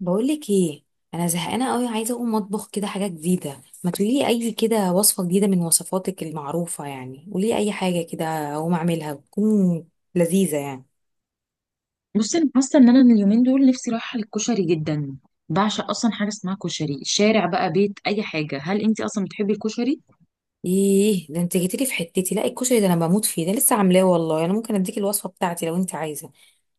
بقولك ايه؟ انا زهقانه قوي، عايزه اقوم اطبخ كده حاجه جديده. ما تقولي اي كده وصفه جديده من وصفاتك المعروفه، يعني قولي اي حاجه كده اقوم اعملها تكون لذيذه يعني. بصي، انا حاسه ان انا اليومين دول نفسي رايحه للكشري جدا. بعشق اصلا حاجه اسمها كشري، شارع بقى، بيت، اي حاجه. هل انت اصلا بتحبي الكشري؟ ايه ده، انت جيتيلي في حتتي؟ لا الكشري ده انا بموت فيه، ده لسه عاملاه والله. انا ممكن اديك الوصفه بتاعتي لو انت عايزه.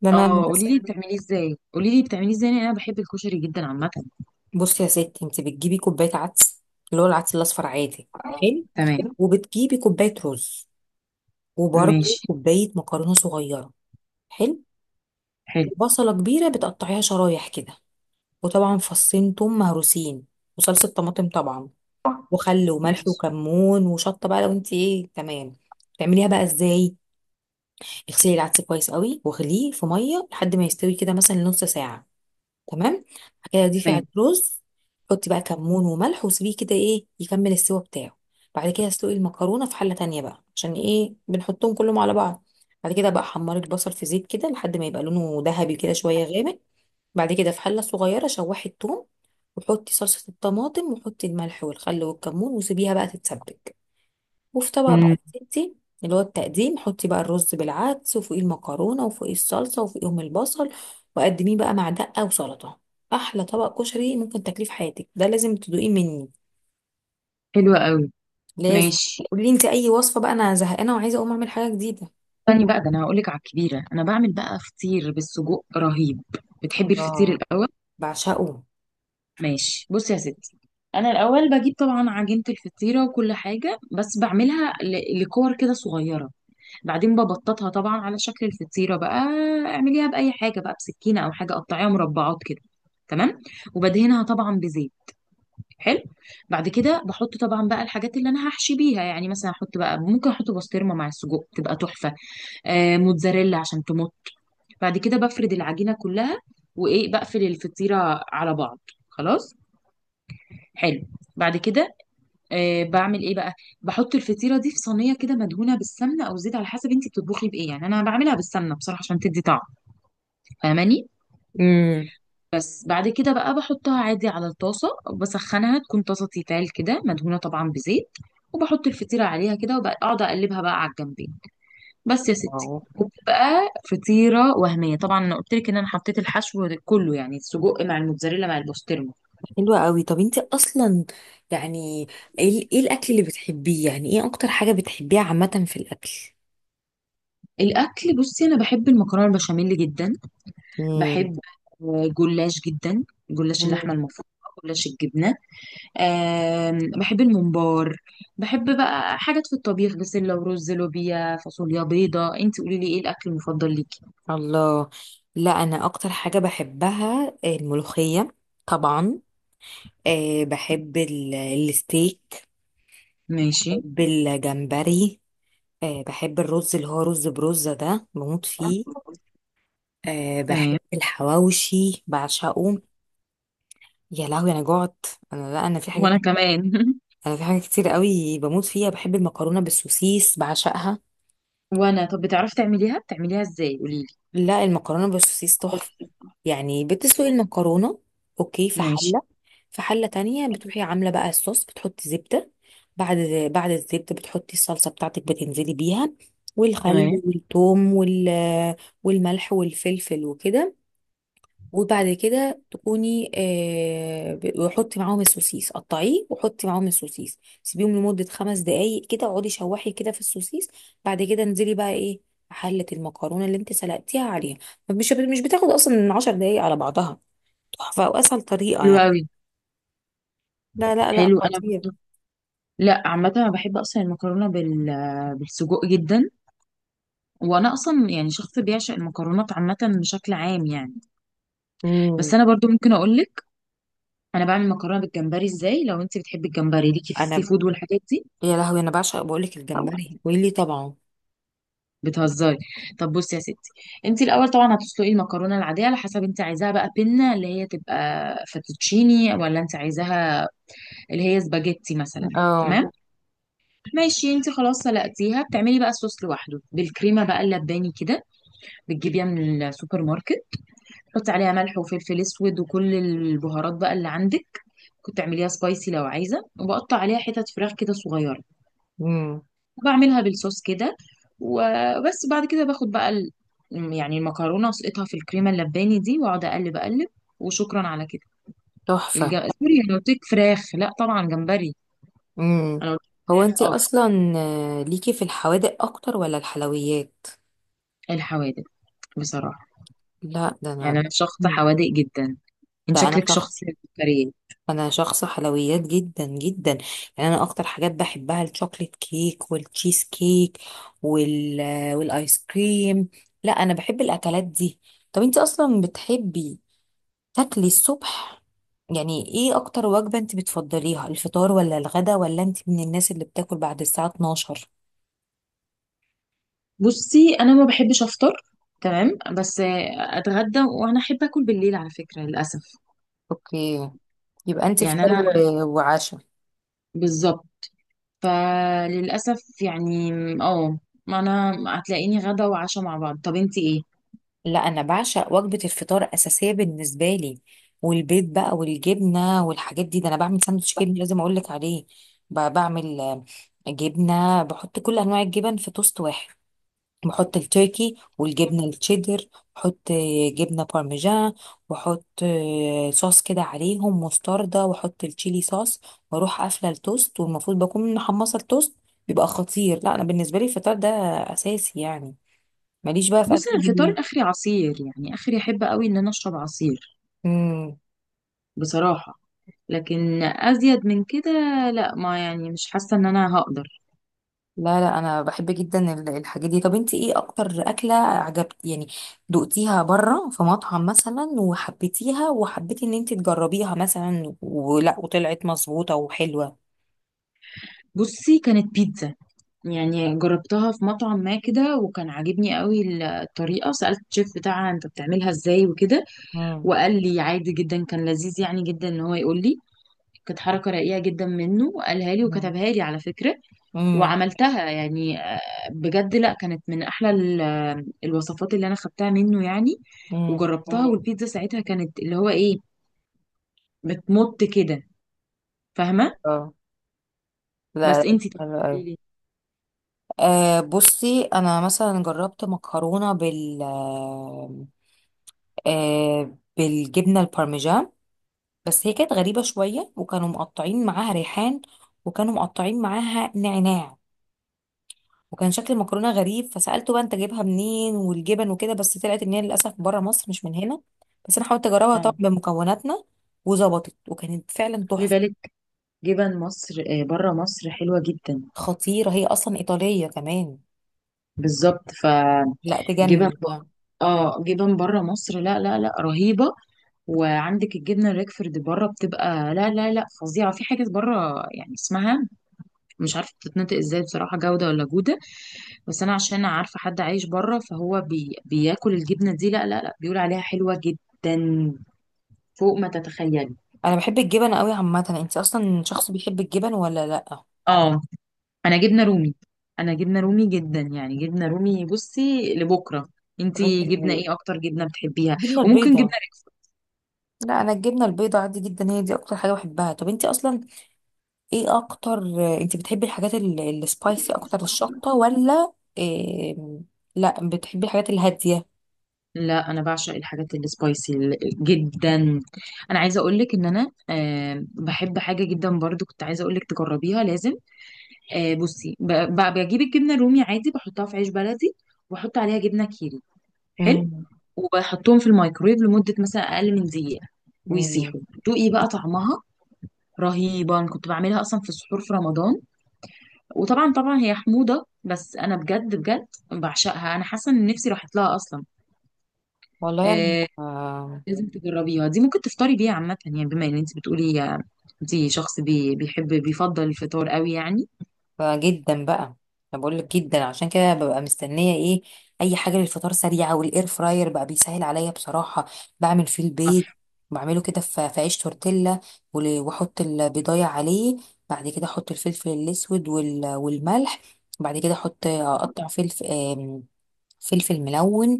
ده انا اه، قولي للأسف-. لي بتعمليه ازاي، قولي لي بتعمليه ازاي، لأن انا بحب الكشري جدا عامه. بصي يا ستي، انت بتجيبي كوبايه عدس، اللي هو العدس الاصفر عادي. حلو. تمام. وبتجيبي كوبايه رز، وبرده ماشي. كوبايه مكرونه صغيره. حلو. حلو. وبصله كبيره بتقطعيها شرايح كده، وطبعا فصين توم مهروسين، وصلصه طماطم طبعا، وخل وملح ماشي. وكمون وشطه، بقى لو انت ايه، تمام. تعمليها بقى ازاي؟ اغسلي العدس كويس قوي واغليه في ميه لحد ما يستوي كده، مثلا نص ساعه. تمام. بعد كده ضيفي تمام. على الرز، حطي بقى كمون وملح وسيبيه كده ايه يكمل السوا بتاعه. بعد كده اسلقي المكرونه في حله تانية بقى، عشان ايه بنحطهم كلهم على بعض. بعد كده بقى حمري البصل في زيت كده لحد ما يبقى لونه ذهبي كده، شويه غامق. بعد كده في حلة صغيرة شوحي التوم، وحطي صلصة الطماطم، وحطي الملح والخل والكمون وسيبيها بقى تتسبك. وفي طبق بقى امم. ستي، اللي هو التقديم، حطي بقى الرز بالعدس، وفوقيه المكرونة، وفوقيه الصلصة، وفوقيهم البصل. وقدميه بقى مع دقة وسلطة. أحلى طبق كشري ممكن تاكليه في حياتك، ده لازم تدوقيه مني. حلو قوي. لازم. ماشي. قولي انت أي وصفة بقى، أنا زهقانة وعايزة أقوم أعمل حاجة جديدة. استني بقى، ده انا هقول لك على الكبيره. انا بعمل بقى فطير بالسجق رهيب. بتحبي الفطير الله. الاول؟ بعشقه. ماشي. بصي يا ستي، انا الاول بجيب طبعا عجينه الفطيره وكل حاجه، بس بعملها لكور كده صغيره. بعدين ببططها طبعا على شكل الفطيره بقى. اعمليها باي حاجه بقى، بسكينه او حاجه، قطعيها مربعات كده. تمام. وبدهنها طبعا بزيت. حلو. بعد كده بحط طبعا بقى الحاجات اللي انا هحشي بيها، يعني مثلا احط بقى، ممكن احط بسطرمه مع السجق تبقى تحفه. موتزاريلا عشان تمط. بعد كده بفرد العجينه كلها، وايه، بقفل الفطيره على بعض. خلاص. حلو. بعد كده بعمل ايه بقى؟ بحط الفطيره دي في صينيه كده مدهونه بالسمنه او زيت، على حسب انت بتطبخي بايه، يعني انا بعملها بالسمنه بصراحه عشان تدي طعم. فاهماني؟ امم. بس بعد كده بقى بحطها عادي على الطاسه وبسخنها، تكون طاسه تيتال كده مدهونه طبعا بزيت. وبحط الفطيره عليها كده، وبقعد اقلبها بقى على الجنبين. بس يا ستي. وبتبقى فطيره وهميه طبعا. انا قلت لك ان انا حطيت الحشو كله، يعني السجق مع الموتزاريلا مع البسطرمه. حلوة قوي. طب انت اصلا يعني ايه إيه الاكل اللي بتحبيه، يعني ايه اكتر حاجة بتحبيها عامة في الاكل؟ الاكل، بصي، انا بحب المكرونه البشاميل جدا. مم. بحب، جلاش جدا. جلاش مم. اللحمه المفرومه، جلاش الجبنه. بحب الممبار. بحب بقى حاجات في الطبيخ، بسله ورز، لوبيا، فاصوليا بيضه. انت قولي لي ايه الاكل المفضل ليكي. الله. لا انا اكتر حاجة بحبها الملوخية، طبعا. أه بحب الستيك. ماشي. بحب الجمبري. أه بحب الرز اللي هو رز برزة، ده بموت فيه. أه تمام. بحب الحواوشي، بعشقه. يا لهوي انا جعت. انا لا انا في حاجات. وانا كمان انا في حاجات كتير قوي بموت فيها، بحب المكرونه بالسوسيس بعشقها. وانا، طب بتعرفي تعمليها؟ بتعمليها ازاي، قولي لا المكرونه بالسوسيس تحفه. يعني بتسلقي لي. المكرونه، اوكي، في ماشي. حله. في حله تانية بتروحي عامله بقى الصوص، بتحطي زبده. بعد بعد الزبده بتحطي الصلصه بتاعتك، بتنزلي بيها تمام. والخل والثوم والملح والفلفل وكده. وبعد كده تكوني وحطي معاهم السوسيس، قطعيه وحطي معاهم السوسيس، سيبيهم لمدة 5 دقايق كده، اقعدي شوحي كده في السوسيس. بعد كده انزلي بقى ايه حلة المكرونة اللي انت سلقتيها عليها. مش بتاخد اصلا من 10 دقايق على بعضها. تحفة واسهل طريقة حلو يعني. قوي. لا لا لا، حلو. انا خطير. برضه، لا عامه انا بحب اصلا المكرونه بالسجق جدا. وانا اصلا يعني شخص بيعشق المكرونات عامه بشكل عام يعني. امم. بس انا برضو ممكن اقول لك انا بعمل مكرونه بالجمبري ازاي، لو انت بتحبي الجمبري، ليكي في انا، السي فود والحاجات دي. يا لهوي، انا بعشق. بقولك، الجمبري ويلي، طبعا. بتهزري؟ طب بصي يا ستي، انت الاول طبعا هتسلقي المكرونه العاديه، على حسب انت عايزاها بقى بينا اللي هي تبقى فاتوتشيني، ولا انت عايزاها اللي هي سباجيتي مثلا. اه. تمام. ماشي، انت خلاص سلقتيها، بتعملي بقى الصوص لوحده بالكريمه بقى اللباني كده، بتجيبيها من السوبر ماركت. حطي عليها ملح وفلفل اسود وكل البهارات بقى اللي عندك. كنت تعمليها سبايسي لو عايزه. وبقطع عليها حتت فراخ كده صغيره، امم. وبعملها بالصوص كده. وبس بعد كده باخد بقى يعني المكرونه، اسقطها في الكريمه اللباني دي، واقعد اقلب اقلب، وشكرا على كده. الج... تحفة. سوري، انا قلت لك فراخ، لا طبعا جمبري. امم. انا قلت هو لك انت فراخ، اصلا ليكي في الحوادق اكتر ولا الحلويات؟ الحوادق بصراحه، لا ده انا. يعني انا شخص مم. حوادق جدا. انت ده انا شكلك شخص. شخص كريه. انا شخص حلويات جدا جدا. يعني انا اكتر حاجات بحبها الشوكليت كيك والتشيز كيك، والايس كريم. لا انا بحب الاكلات دي. طب انت اصلا بتحبي تاكلي الصبح، يعني ايه اكتر وجبة انت بتفضليها، الفطار ولا الغدا، ولا انت من الناس اللي بتاكل بعد الساعة 12؟ بصي انا ما بحبش افطر، تمام، بس اتغدى، وانا احب اكل بالليل على فكره للاسف. اوكي. يبقى انت يعني فطار انا وعشاء. بالظبط، فللاسف يعني. اه، ما انا هتلاقيني غدا وعشاء مع بعض. طب انتي ايه؟ لا انا بعشق وجبه الفطار، اساسيه بالنسبه لي. والبيض بقى والجبنه والحاجات دي، ده انا بعمل ساندوتش جبنه لازم اقول لك عليه. بعمل جبنه، بحط كل انواع الجبن في توست واحد. بحط التركي والجبنه التشيدر. بحط جبنه بارميجان. واحط صوص كده عليهم مستردة، واحط التشيلي صوص. واروح قافله التوست، والمفروض بكون محمصه التوست. بيبقى خطير. لا انا بالنسبه لي الفطار ده اساسي يعني، ماليش بقى في بصي اكل انا الفطار بالليل. اخري عصير، يعني اخري احب قوي ان انا اشرب عصير امم. بصراحه. لكن ازيد من كده، لا، ما يعني مش حاسه ان انا هقدر. لا لا انا بحب جدا الحاجات دي. طب انت ايه اكتر اكله عجبت يعني، دقتيها بره في مطعم مثلا، وحبيتيها، وحبيتي ان انت تجربيها مثلا، ولا وطلعت مظبوطه وحلوه؟ بصي كانت بيتزا، يعني جربتها في مطعم ما كده، وكان عاجبني قوي الطريقة. سألت الشيف بتاعها انت بتعملها ازاي وكده. امم. وقال لي عادي جدا، كان لذيذ يعني جدا ان هو يقول لي. كانت حركة رقيقة جدا منه، قالها لي وكتبها لي على فكرة. امم. وعملتها يعني، بجد لا، كانت من احلى الوصفات اللي انا خدتها منه يعني. امم. وجربتها. والبيتزا ساعتها كانت اللي هو ايه، بتمط كده. فاهمة؟ اه. لا بس لا، انتي، طب حلو أوي. قولي لي. آه بصي انا مثلا جربت مكرونه بال آه بالجبنه البارميجان، بس هي كانت غريبة شوية، وكانوا مقطعين معاها ريحان، وكانوا مقطعين معاها نعناع، وكان شكل المكرونة غريب. فسألته بقى انت جايبها منين والجبن وكده، بس طلعت ان هي للأسف بره مصر، مش من هنا. بس انا حاولت اجربها طبعا اه، بمكوناتنا، وظبطت وكانت فعلا خلي تحفة. بالك، جبن مصر، بره مصر حلوة جدا. خطيرة، هي اصلا ايطالية كمان. بالظبط، لا فجبن تجنن يعني. اه، جبن بره مصر، لا لا لا، رهيبه. وعندك الجبنه الريكفورد بره، بتبقى لا لا لا، فظيعه. في حاجه بره يعني اسمها مش عارفه بتتنطق ازاي بصراحه، جوده ولا جوده. بس انا عشان عارفه حد عايش بره فهو بياكل الجبنه دي، لا لا لا، بيقول عليها حلوه جدا، فوق ما تتخيلي. انا بحب الجبن قوي عامة. انت اصلا شخص بيحب الجبن ولا لا؟ اه، انا جبنه رومي، انا جبنه رومي جدا، يعني جبنه رومي. بصي لبكره، طب انت. انتي جبنه ايه اكتر جبنه بتحبيها؟ الجبنة وممكن جبنه، البيضاء. لا انا الجبنة البيضاء عادي جدا، هي دي اكتر حاجة بحبها. طب انت اصلا ايه اكتر؟ انت بتحبي الحاجات السبايسي اكتر، الشطة، ولا إيه... لا بتحبي الحاجات الهادية؟ لا انا بعشق الحاجات السبايسي جدا. انا عايزه اقول لك ان انا، بحب حاجه جدا برضو، كنت عايزه اقول لك تجربيها لازم. بصي، بجيب الجبنه الرومي عادي، بحطها في عيش بلدي، وبحط عليها جبنه كيري. حلو. مم. وبحطهم في الميكرويف لمده مثلا اقل من دقيقه، مم. ويسيحوا. دوقي بقى طعمها، رهيبه. انا كنت بعملها اصلا في السحور في رمضان. وطبعا طبعا هي حموضه، بس انا بجد بجد بعشقها. انا حاسه ان نفسي راحت لها اصلا. والله انا آه، آه... لازم تجربيها دي، ممكن تفطري بيها عامة، يعني بما ان انت بتقولي انت شخص بيفضل الفطار قوي يعني. آه، جدا بقى. انا بقول لك جدا. عشان كده ببقى مستنية ايه اي حاجة للفطار سريعة، والاير فراير بقى بيسهل عليا بصراحة. بعمل فيه البيض. صح. بعمله كده في عيش تورتيلا، واحط البيضايه عليه. بعد كده احط الفلفل الاسود والملح. بعد كده احط اقطع فلفل، فلفل ملون.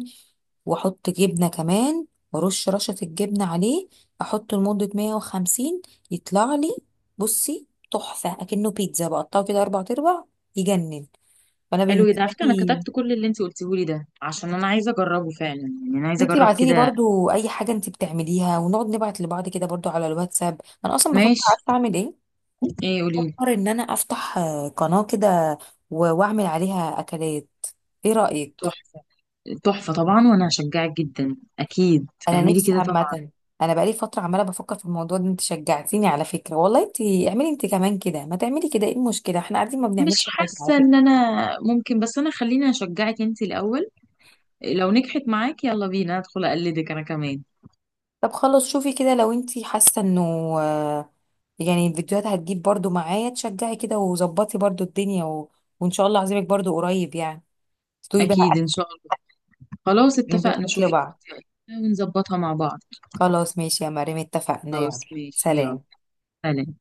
واحط جبنه كمان، وارش رشه الجبنه عليه. احطه لمده 150، يطلع لي. بصي تحفه، اكنه بيتزا، بقطعه كده 4 ارباع. يجنن. فانا حلو جدا على بالنسبه فكرة، انا لي، كتبت كل اللي انت قلتيه لي ده، عشان انا عايزة اجربه فعلا، يعني انا عايزة انتي اجرب ابعتي لي كده. برضو اي حاجه انتي بتعمليها، ونقعد نبعت لبعض كده برضو على الواتساب. انا اصلا بفكر، ماشي. عارفه اعمل ايه؟ ايه، قولي. بفكر ان انا افتح قناه كده، واعمل عليها اكلات. ايه رايك؟ تحفة. تحفة طبعا، وانا هشجعك جدا، اكيد انا اعملي نفسي كده طبعا. عامه، انا بقالي فتره عماله بفكر في الموضوع ده. انت شجعتيني على فكره والله. انت اعملي انت كمان كده، ما تعملي كده، ايه المشكله، احنا قاعدين ما بنعملش مش حاجه على حاسة ان فكره. انا ممكن، بس انا خليني اشجعك انت الاول، لو نجحت معاك يلا بينا ادخل اقلدك انا كمان. طب خلاص، شوفي كده لو انت حاسه انه آه، يعني الفيديوهات هتجيب برضو، معايا تشجعي كده وظبطي برضو الدنيا وان شاء الله عزيمك برضو قريب يعني، تدوي بقى اكيد اكل. ان شاء الله. خلاص ندوق اتفقنا، اكل شوفي. بعض. ونظبطها مع بعض. خلاص ماشي يا مريم، اتفقنا، يلا. خلاص ماشي يلا. سلام. سلام.